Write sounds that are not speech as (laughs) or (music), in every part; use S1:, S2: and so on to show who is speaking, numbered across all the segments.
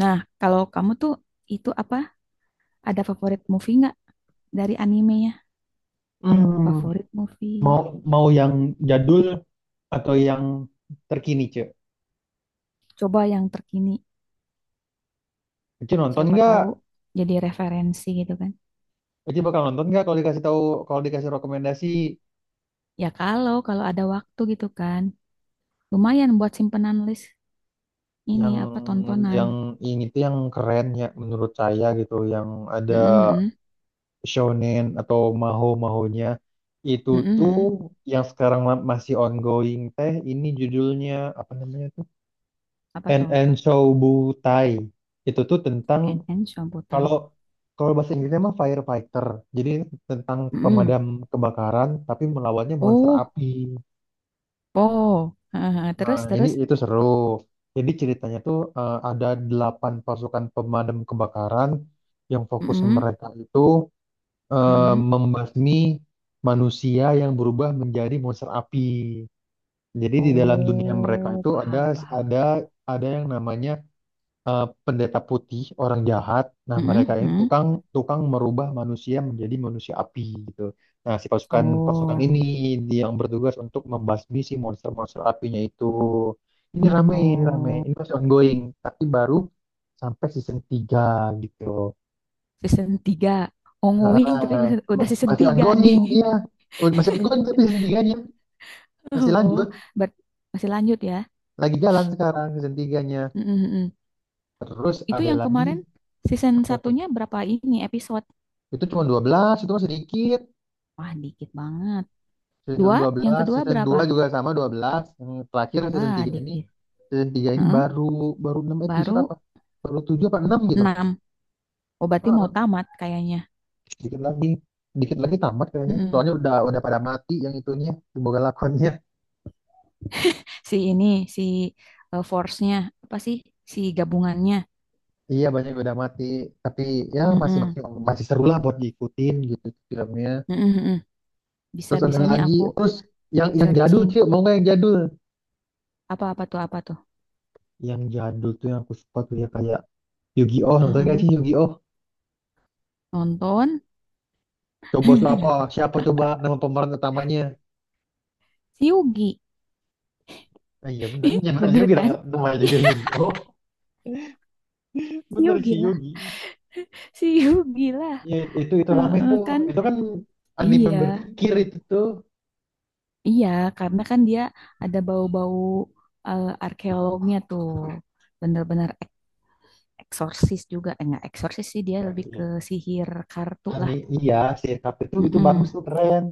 S1: Nah, kalau kamu tuh itu apa? Ada favorit movie nggak dari animenya?
S2: Hmm,
S1: Favorit
S2: mau
S1: movie?
S2: mau yang jadul atau yang terkini, Cek?
S1: Coba yang terkini.
S2: Cek nonton
S1: Siapa
S2: nggak?
S1: tahu jadi referensi gitu kan.
S2: Cek bakal nonton nggak kalau dikasih tahu, kalau dikasih rekomendasi,
S1: Ya kalau kalau ada waktu gitu kan. Lumayan buat simpenan list ini
S2: yang
S1: apa tontonan.
S2: yang ini tuh yang keren ya menurut saya gitu, yang ada
S1: Mm-mm,
S2: shonen atau maho-mahonya itu
S1: mm-mm,
S2: tuh
S1: mm-mm.
S2: yang sekarang masih ongoing teh, ini judulnya, apa namanya tuh?
S1: Apa tuh?
S2: NN Shoubutai. Itu tuh tentang.
S1: NN
S2: Kalau
S1: Shamputai.
S2: kalau bahasa Inggrisnya mah firefighter. Jadi ini tentang
S1: Mm-mm.
S2: pemadam kebakaran, tapi melawannya monster
S1: Oh,
S2: api.
S1: oh. (laughs)
S2: Nah,
S1: Terus
S2: ini
S1: terus.
S2: itu seru. Jadi ceritanya tuh ada 8 pasukan pemadam kebakaran yang fokus
S1: Mm-mm,
S2: mereka itu eh,
S1: mm-mm.
S2: membasmi manusia yang berubah menjadi monster api. Jadi di dalam dunia mereka
S1: Oh,
S2: itu ada
S1: paham paham.
S2: ada ada yang namanya pendeta putih, orang jahat. Nah, mereka
S1: Mm-mm,
S2: ini
S1: mm.
S2: tukang tukang merubah manusia menjadi manusia api gitu. Nah, si pasukan pasukan
S1: Oh.
S2: ini dia yang bertugas untuk membasmi si monster-monster apinya itu. Ini rame, ini rame.
S1: Oh,
S2: Ini masih ongoing, tapi baru sampai season 3 gitu.
S1: season 3, ongoing tapi
S2: Heeh,
S1: udah season
S2: masih
S1: 3 nih.
S2: ongoing, iya. Oh, masih ongoing tapi season tiganya
S1: (laughs)
S2: masih
S1: Oh,
S2: lanjut.
S1: Ber- masih lanjut ya.
S2: Lagi jalan sekarang season tiganya.
S1: Mm, mm, mm.
S2: Terus
S1: Itu
S2: ada
S1: yang
S2: lagi,
S1: kemarin season
S2: apa tuh?
S1: satunya berapa ini episode?
S2: Itu cuma 12, itu masih dikit.
S1: Wah, dikit banget.
S2: Season 1
S1: Dua, yang
S2: 12,
S1: kedua
S2: season
S1: berapa?
S2: 2 juga sama 12. Yang terakhir season
S1: Wah,
S2: 3 ini,
S1: dikit.
S2: season 3 ini
S1: Heeh,
S2: baru baru 6 episode apa?
S1: baru
S2: Baru 7, apa 6 gitu.
S1: enam. Oh, berarti mau
S2: Heeh,
S1: tamat kayaknya.
S2: dikit lagi. Dikit lagi tamat kayaknya.
S1: Mm-mm.
S2: Soalnya udah pada mati yang itunya, bukan lakonnya.
S1: Si ini, si force-nya, apa sih? Si gabungannya.
S2: Iya, banyak yang udah mati, tapi ya masih masih
S1: Mm.
S2: masih seru lah buat diikutin gitu filmnya.
S1: Mm-mm, mm-mm.
S2: Terus ada
S1: Bisa-bisa nih
S2: lagi,
S1: aku
S2: terus yang jadul,
S1: searching.
S2: Cuk. Mau nggak yang jadul?
S1: Apa-apa tuh, apa tuh?
S2: Yang jadul tuh yang aku suka tuh ya kayak Yu-Gi-Oh, nonton gak sih
S1: Mm-mm.
S2: Yu-Gi-Oh?
S1: Nonton.
S2: Coba siapa?
S1: (laughs)
S2: Siapa coba nama pemeran utamanya?
S1: Si Yugi.
S2: Oh, iya
S1: (laughs)
S2: bener
S1: Bener
S2: Yugi lah,
S1: kan?
S2: namanya juga
S1: (laughs)
S2: Yugi. Oh, (laughs)
S1: Si
S2: bener si
S1: Yugi lah.
S2: Yugi.
S1: Si Yugi lah.
S2: Ya, itu rame
S1: Heeh,
S2: tuh,
S1: kan?
S2: itu kan anime
S1: Iya.
S2: berpikir itu tuh.
S1: Iya, karena kan dia ada bau-bau arkeolognya tuh. Bener-bener eksorsis juga. Eh, enggak eksorsis sih, dia lebih ke sihir kartu lah.
S2: Ani, iya si sirkup itu bagus
S1: Mm-mm.
S2: tuh, keren.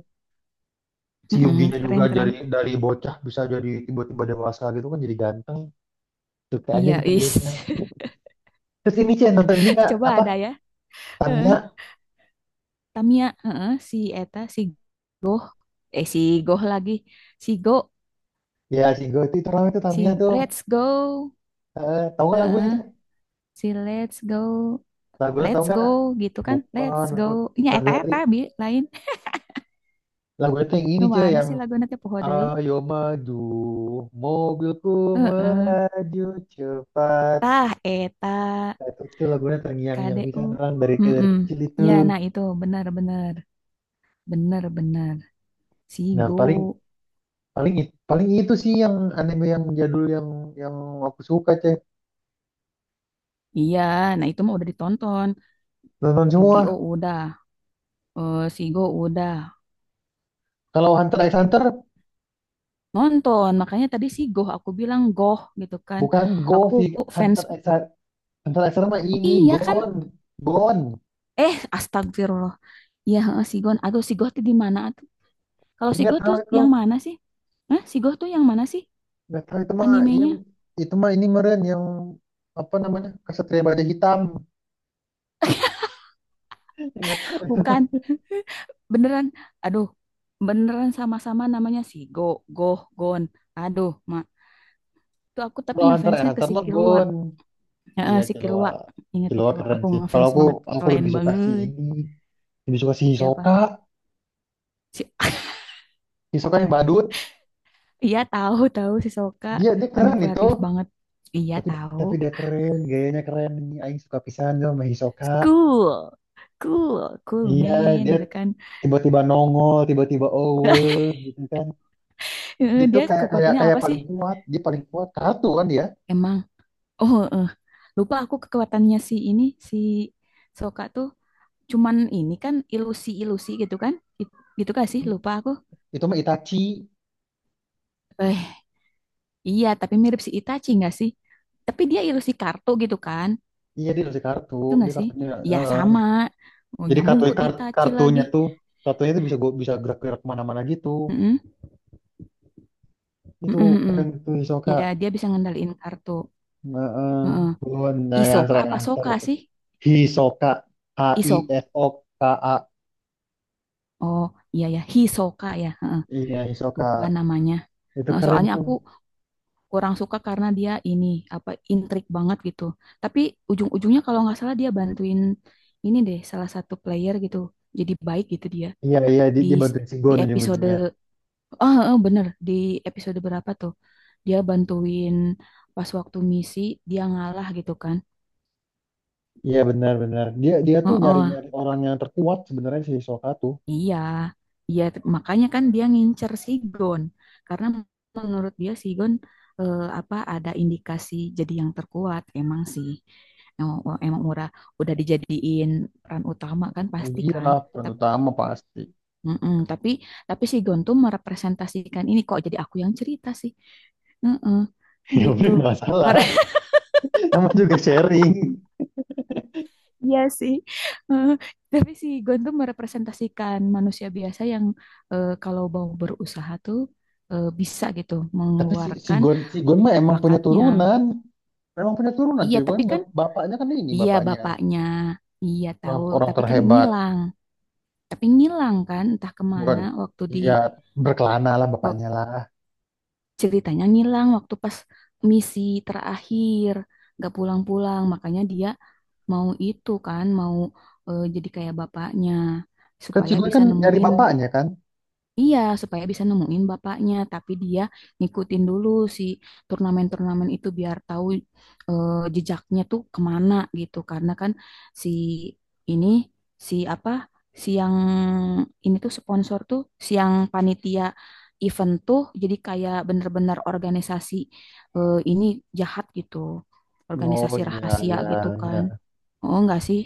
S2: Si
S1: Mm-mm.
S2: Yuginya juga dari
S1: Keren-keren.
S2: dari bocah bisa jadi tiba-tiba dewasa gitu kan, jadi ganteng. Suka aja
S1: Iya,
S2: gitu
S1: is.
S2: liatnya. Terus ini Cen, nonton ini
S1: (laughs)
S2: nggak,
S1: Coba
S2: apa
S1: ada ya.
S2: Tamiya,
S1: Heeh. Tamiya, heeh, si Eta, si Goh. Eh, si Goh lagi. Si Go,
S2: ya si Go itu rame tuh Tamiya
S1: si
S2: tuh.
S1: Let's Go.
S2: Eh, tahu nggak lagunya
S1: Heeh.
S2: Cen?
S1: Si let's go,
S2: Lagunya tahu
S1: let's
S2: nggak?
S1: go gitu kan,
S2: Bukan
S1: let's
S2: lagu,
S1: go nya
S2: lagu
S1: eta eta bi lain
S2: lagu itu yang ini,
S1: nu
S2: cuy,
S1: mana
S2: yang
S1: sih lagu nanti poho deui
S2: ayo maju, mobilku
S1: heeh
S2: melaju cepat.
S1: tah eta
S2: Nah, itu lagunya terngiang-ngiang bisa
S1: KDU
S2: orang dari
S1: mm
S2: kecil itu.
S1: ya nah itu benar benar benar benar
S2: Nah,
S1: Sigo.
S2: paling, paling itu sih yang anime yang jadul, yang aku suka, Cek,
S1: Iya, nah itu mah udah ditonton
S2: nonton
S1: Yu-Gi-Oh
S2: semua.
S1: udah Sigo udah
S2: Kalau Hunter x Hunter
S1: nonton makanya tadi Sigo aku bilang goh gitu kan.
S2: bukan Go
S1: Aku
S2: sih.
S1: fans
S2: Hunter x Hunter, mah ini
S1: iya kan
S2: Gon Gon.
S1: eh, astagfirullah. Iya, heeh, Sigon. Aduh, si Goh tuh di mana? Kalau Sigo
S2: Nggak tahu
S1: tuh
S2: itu,
S1: yang mana sih? Hah? Sigo tuh yang mana sih
S2: nggak tahu itu mah ini,
S1: animenya?
S2: itu mah ini meren yang apa namanya, kesatria baja hitam. (laughs) Nggak tahu.
S1: Bukan, beneran. Aduh, beneran sama-sama namanya Sigo, Goh, Gon. Aduh, Mak. Tuh aku tapi
S2: Kalau Hunter x
S1: ngefansnya ke
S2: Hunter
S1: si
S2: mah
S1: Kilua.
S2: Gon. Iya,
S1: Heeh, si
S2: Killua.
S1: Kilua. Ingatnya
S2: Killua
S1: Kilua.
S2: keren
S1: Aku
S2: sih. Kalau
S1: ngefans
S2: aku
S1: banget.
S2: aku
S1: Keren
S2: lebih suka si
S1: banget.
S2: ini. Lebih suka si Hisoka.
S1: Siapa? Si... (laughs)
S2: Hisoka yang badut.
S1: Iya tahu, tahu si Soka.
S2: Dia dia keren itu.
S1: Manipulatif banget. Iya
S2: Tapi
S1: tahu.
S2: tapi dia keren, gayanya keren. Aing suka pisan sama Hisoka.
S1: Cool. Cool, cool
S2: Iya,
S1: man
S2: dia
S1: gitu kan.
S2: tiba-tiba nongol, tiba-tiba owe gitu kan.
S1: Heeh,
S2: Itu
S1: dia
S2: kayak, kayak
S1: kekuatannya
S2: kayak
S1: apa sih?
S2: paling kuat, dia paling kuat kartu kan dia.
S1: Emang. Oh, eh. Lupa aku kekuatannya si ini, si Soka tuh cuman ini kan ilusi-ilusi gitu kan? It- gitu gak sih? Lupa aku.
S2: Itu mah Itachi.
S1: Eh, iya, tapi mirip si Itachi gak sih? Tapi dia ilusi kartu gitu kan?
S2: Iya, dia dari kartu,
S1: Itu
S2: dia
S1: gak sih?
S2: kartunya.
S1: Iya,
S2: eh.
S1: sama. Oh,
S2: Jadi
S1: nyambung
S2: kartu,
S1: ke Itachi lagi.
S2: kartunya tuh, bisa gua, bisa gerak-gerak kemana-mana gitu.
S1: Mm-mm,
S2: Itu
S1: mm-mm, mm-mm.
S2: keren tuh Hisoka.
S1: Ya, dia bisa ngendaliin kartu.
S2: Nah,
S1: Heeh.
S2: buruan. Nah, yang
S1: Isoka
S2: sering,
S1: apa
S2: yang tuh.
S1: Soka sih?
S2: Hisoka, H I
S1: Isok.
S2: S O K A.
S1: Oh, iya ya, Hisoka ya. Heeh,
S2: Iya, Hisoka.
S1: lupa namanya.
S2: Itu
S1: Heeh,
S2: keren
S1: soalnya
S2: tuh.
S1: aku kurang suka karena dia ini apa intrik banget gitu. Tapi ujung-ujungnya kalau nggak salah dia bantuin ini deh salah satu player gitu. Jadi baik gitu dia
S2: Iya, iya, dia,
S1: di
S2: dia bantuin
S1: di
S2: Shingon
S1: episode
S2: ujung-ujungnya.
S1: bener di episode berapa tuh dia bantuin pas waktu misi dia ngalah gitu kan.
S2: Iya, benar-benar. Dia dia tuh
S1: Heeh,
S2: nyari-nyari orang yang terkuat sebenarnya, si Hisoka tuh.
S1: iya, iya makanya kan dia ngincer Sigon karena menurut dia Sigon apa ada indikasi jadi yang terkuat emang sih. Emang, emang murah udah dijadiin peran utama kan pasti
S2: Iya
S1: kan.
S2: lah, peran
S1: Tapi,
S2: utama pasti.
S1: mm-mm, tapi Sigon tuh merepresentasikan ini kok jadi aku yang cerita sih. Mm-mm,
S2: (laughs) Ya
S1: gitu.
S2: udah, nggak salah. Nama juga sharing.
S1: Iya sih, eh, tapi si Gon tuh merepresentasikan manusia biasa yang kalau mau berusaha tuh bisa gitu
S2: Tapi si, si
S1: mengeluarkan
S2: Gon si Gon mah emang punya
S1: bakatnya.
S2: turunan. Memang punya turunan
S1: Iya,
S2: Cilegon.
S1: tapi kan
S2: Bapaknya kan ini,
S1: iya
S2: bapaknya
S1: bapaknya, iya
S2: orang,
S1: tahu,
S2: orang
S1: tapi kan
S2: terhebat.
S1: ngilang, tapi ngilang kan entah kemana
S2: Bukan,
S1: waktu di
S2: iya, berkelana lah
S1: waktu
S2: bapaknya lah.
S1: ceritanya ngilang waktu pas misi terakhir nggak pulang-pulang, makanya dia mau itu kan mau jadi kayak bapaknya
S2: Kan
S1: supaya
S2: Cilegon
S1: bisa
S2: kan nyari
S1: nemuin.
S2: bapaknya kan.
S1: Iya, supaya bisa nemuin bapaknya, tapi dia ngikutin dulu si turnamen-turnamen itu biar tahu jejaknya tuh kemana gitu. Karena kan si ini, si apa, si yang ini tuh sponsor tuh, si yang panitia event tuh, jadi kayak bener-bener organisasi ini jahat gitu,
S2: Oh,
S1: organisasi
S2: iya,
S1: rahasia
S2: iya,
S1: gitu kan.
S2: iya.
S1: Oh enggak sih?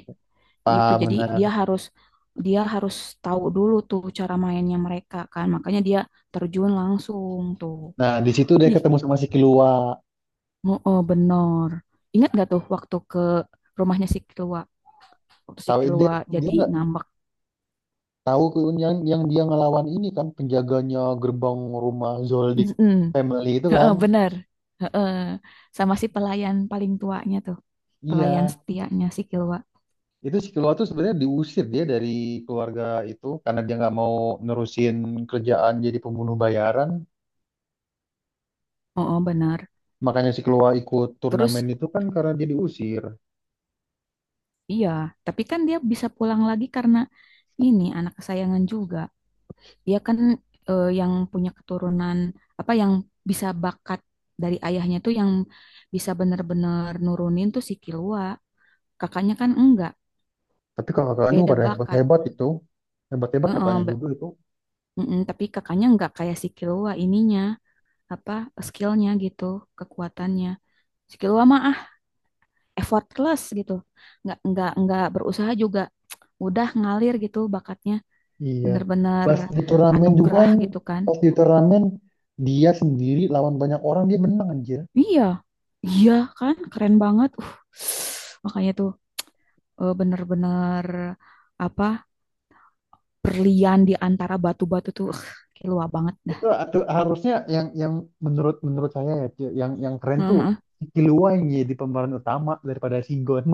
S1: Gitu.
S2: Paham,
S1: Jadi dia
S2: benar.
S1: harus dia harus tahu dulu tuh cara mainnya mereka kan. Makanya dia terjun langsung tuh.
S2: Nah, di situ dia
S1: Ih,
S2: ketemu sama si Kilua.
S1: oh, oh, bener. Ingat gak tuh waktu ke rumahnya si Kilwa? Waktu si
S2: Tahu dia
S1: Kilwa
S2: dia
S1: jadi
S2: nggak
S1: ngambek.
S2: tahu Kilua yang dia ngelawan ini kan penjaganya gerbang rumah Zoldyck
S1: Mm-mm.
S2: family itu
S1: Heeh,
S2: kan.
S1: bener. Heeh. Sama si pelayan paling tuanya tuh. Pelayan
S2: Iya,
S1: setianya si Kilwa.
S2: itu si Kilua tuh sebenarnya diusir dia dari keluarga itu karena dia nggak mau nerusin kerjaan jadi pembunuh bayaran.
S1: Oh, oh, bener.
S2: Makanya si Keloa ikut
S1: Terus.
S2: turnamen itu kan karena dia diusir.
S1: Iya, tapi kan dia bisa pulang lagi karena ini anak kesayangan juga. Dia kan yang punya keturunan apa yang bisa bakat dari ayahnya tuh yang bisa bener-bener nurunin tuh si Killua. Kakaknya kan enggak,
S2: Tapi kakak-kakaknya
S1: beda
S2: pada
S1: bakat.
S2: hebat-hebat itu. Hebat-hebat
S1: Heeh,
S2: kakaknya juga itu.
S1: mm-mm, tapi kakaknya enggak kayak si Killua ininya apa skillnya gitu, kekuatannya. Si Killua mah effortless gitu. Enggak berusaha juga. (tsk) Udah ngalir gitu bakatnya.
S2: Iya.
S1: Bener-bener
S2: Pas di turnamen juga
S1: anugerah
S2: kan,
S1: gitu kan.
S2: pas di turnamen dia sendiri lawan banyak orang, dia menang anjir.
S1: Iya, iya kan, keren banget. Makanya tuh bener-bener apa berlian di antara batu-batu tuh, kayak banget dah.
S2: Itu atau harusnya, yang menurut menurut saya ya, Ci, yang keren tuh
S1: Heeh.
S2: si Kilua yang jadi pemeran utama daripada Sigon.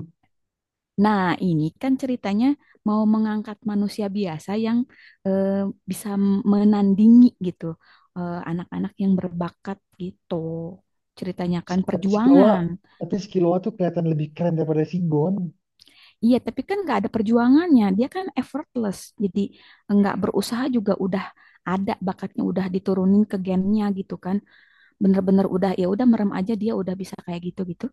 S1: Nah, ini kan ceritanya mau mengangkat manusia biasa yang eh, bisa menandingi gitu anak-anak yang berbakat gitu. Ceritanya kan
S2: Si- Tapi si Kilua,
S1: perjuangan.
S2: tapi si Kilua tuh kelihatan lebih keren daripada Sigon.
S1: Iya, tapi kan nggak ada perjuangannya. Dia kan effortless. Jadi nggak berusaha juga udah ada bakatnya udah diturunin ke gennya gitu kan. Bener-bener udah ya udah merem aja dia udah bisa kayak gitu gitu.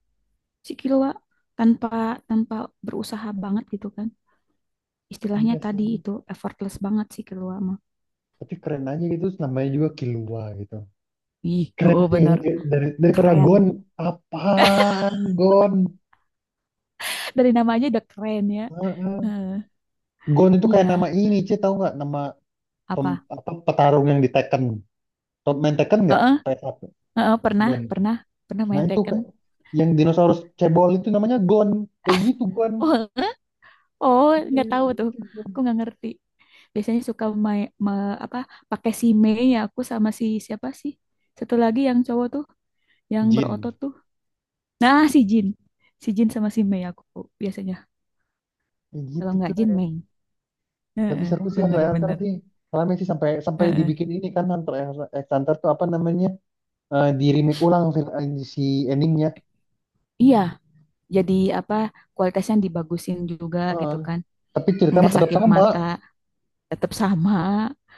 S1: Si Killua tanpa tanpa berusaha banget gitu kan. Istilahnya
S2: Iya sih.
S1: tadi itu effortless banget si Killua mah.
S2: Tapi keren aja gitu, namanya juga Kilua gitu.
S1: Ih,
S2: Keren
S1: oh
S2: itu
S1: bener
S2: dari, daripada
S1: keren.
S2: Gon, apaan Gon.
S1: Dari namanya udah keren ya.
S2: Heeh.
S1: Eh,
S2: Gon itu kayak nama
S1: iya,
S2: ini, Ci, tahu nggak nama
S1: apa?
S2: apa petarung yang di Tekken. Top main Tekken nggak,
S1: Heeh,
S2: PS1,
S1: heeh, pernah,
S2: Gon,
S1: pernah, pernah
S2: nah
S1: main
S2: itu
S1: Tekken.
S2: yang dinosaurus cebol itu namanya Gon, kayak gitu Gon.
S1: Oh, heeh. Oh, nggak tahu tuh. Aku nggak ngerti. Biasanya suka apa pakai si Mei ya aku sama si siapa sih satu lagi yang cowok tuh yang
S2: Jin,
S1: berotot tuh. Nah, si Jin sama si Mei aku biasanya
S2: kayak
S1: kalau
S2: gitu
S1: nggak
S2: tuh
S1: Jin
S2: ya.
S1: Mei.
S2: Tapi
S1: Heeh,
S2: seru sih Hunter x Hunter
S1: bener-bener.
S2: sih. Soalnya sih sampai sampai
S1: Heeh.
S2: dibikin ini kan Hunter x Hunter tuh apa namanya, di remake ulang film, si endingnya.
S1: Iya jadi apa kualitasnya dibagusin juga
S2: Heeh.
S1: gitu kan
S2: Tapi ceritanya
S1: nggak
S2: tetap
S1: sakit
S2: sama.
S1: mata tetap sama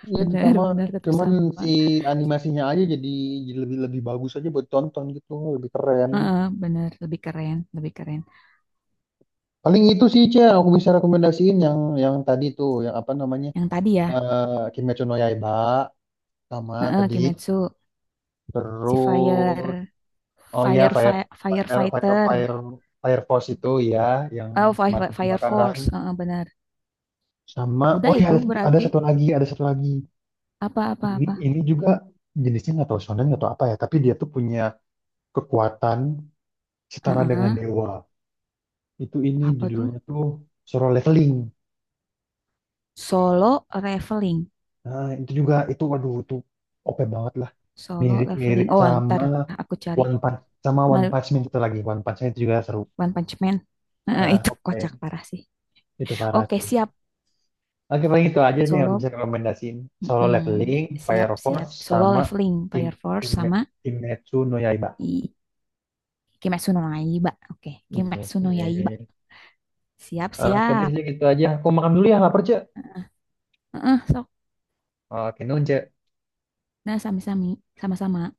S2: Iya itu sama,
S1: bener-bener tetap
S2: cuman
S1: sama.
S2: si animasinya aja jadi lebih lebih bagus aja buat tonton gitu, lebih keren.
S1: Heeh, bener lebih keren lebih keren.
S2: Paling itu sih, Cia, yang aku bisa rekomendasiin, yang tadi tuh, yang apa namanya,
S1: Yang tadi ya.
S2: eh Kimetsu no Yaiba, sama
S1: Heeh,
S2: tadi,
S1: Kimetsu. Si
S2: terus
S1: Fire,
S2: oh iya, Fire, Fire Fire Fire
S1: Firefighter.
S2: Fire Force itu ya, yang
S1: Oh,
S2: kemarin
S1: Fire
S2: kebakaran.
S1: Force, heeh, benar.
S2: Sama
S1: Udah
S2: oh ya,
S1: itu
S2: ada
S1: berarti
S2: satu lagi, ada satu lagi. Ini
S1: apa-apa-apa.
S2: ini juga, jenisnya nggak tahu shonen nggak tahu apa ya, tapi dia tuh punya kekuatan setara dengan
S1: Heeh,
S2: dewa. Itu, ini
S1: apa tuh?
S2: judulnya tuh Solo Leveling.
S1: Solo leveling.
S2: Nah, itu juga itu, waduh itu OP banget lah.
S1: Solo
S2: Mirip-mirip
S1: leveling. Oh,
S2: sama
S1: ntar aku cari.
S2: One Punch, sama One
S1: Ma-
S2: Punch Man itu lagi. One Punch Man itu juga seru.
S1: One Punch Man. Heeh, (laughs)
S2: Nah,
S1: itu
S2: oke.
S1: kocak parah sih.
S2: Itu parah
S1: Oke,
S2: sih.
S1: siap.
S2: Oke, paling itu aja nih yang aku
S1: Solo.
S2: bisa rekomendasiin. Solo
S1: Mm-mm.
S2: Leveling,
S1: Siap,
S2: Fire
S1: siap.
S2: Force,
S1: Solo
S2: sama
S1: leveling,
S2: Kim,
S1: Fire Force
S2: Kim,
S1: sama
S2: Kimetsu no Yaiba.
S1: I- Kimetsu no Yaiba. Oke,
S2: Iya.
S1: Kimetsu no Yaiba.
S2: Iya.
S1: Siap,
S2: Oke deh,
S1: siap.
S2: gitu aja. Aku makan dulu ya, lapar, Cek.
S1: Heeh, sok.
S2: Oke, nunce.
S1: Nah, sami-sami. Sama-sama.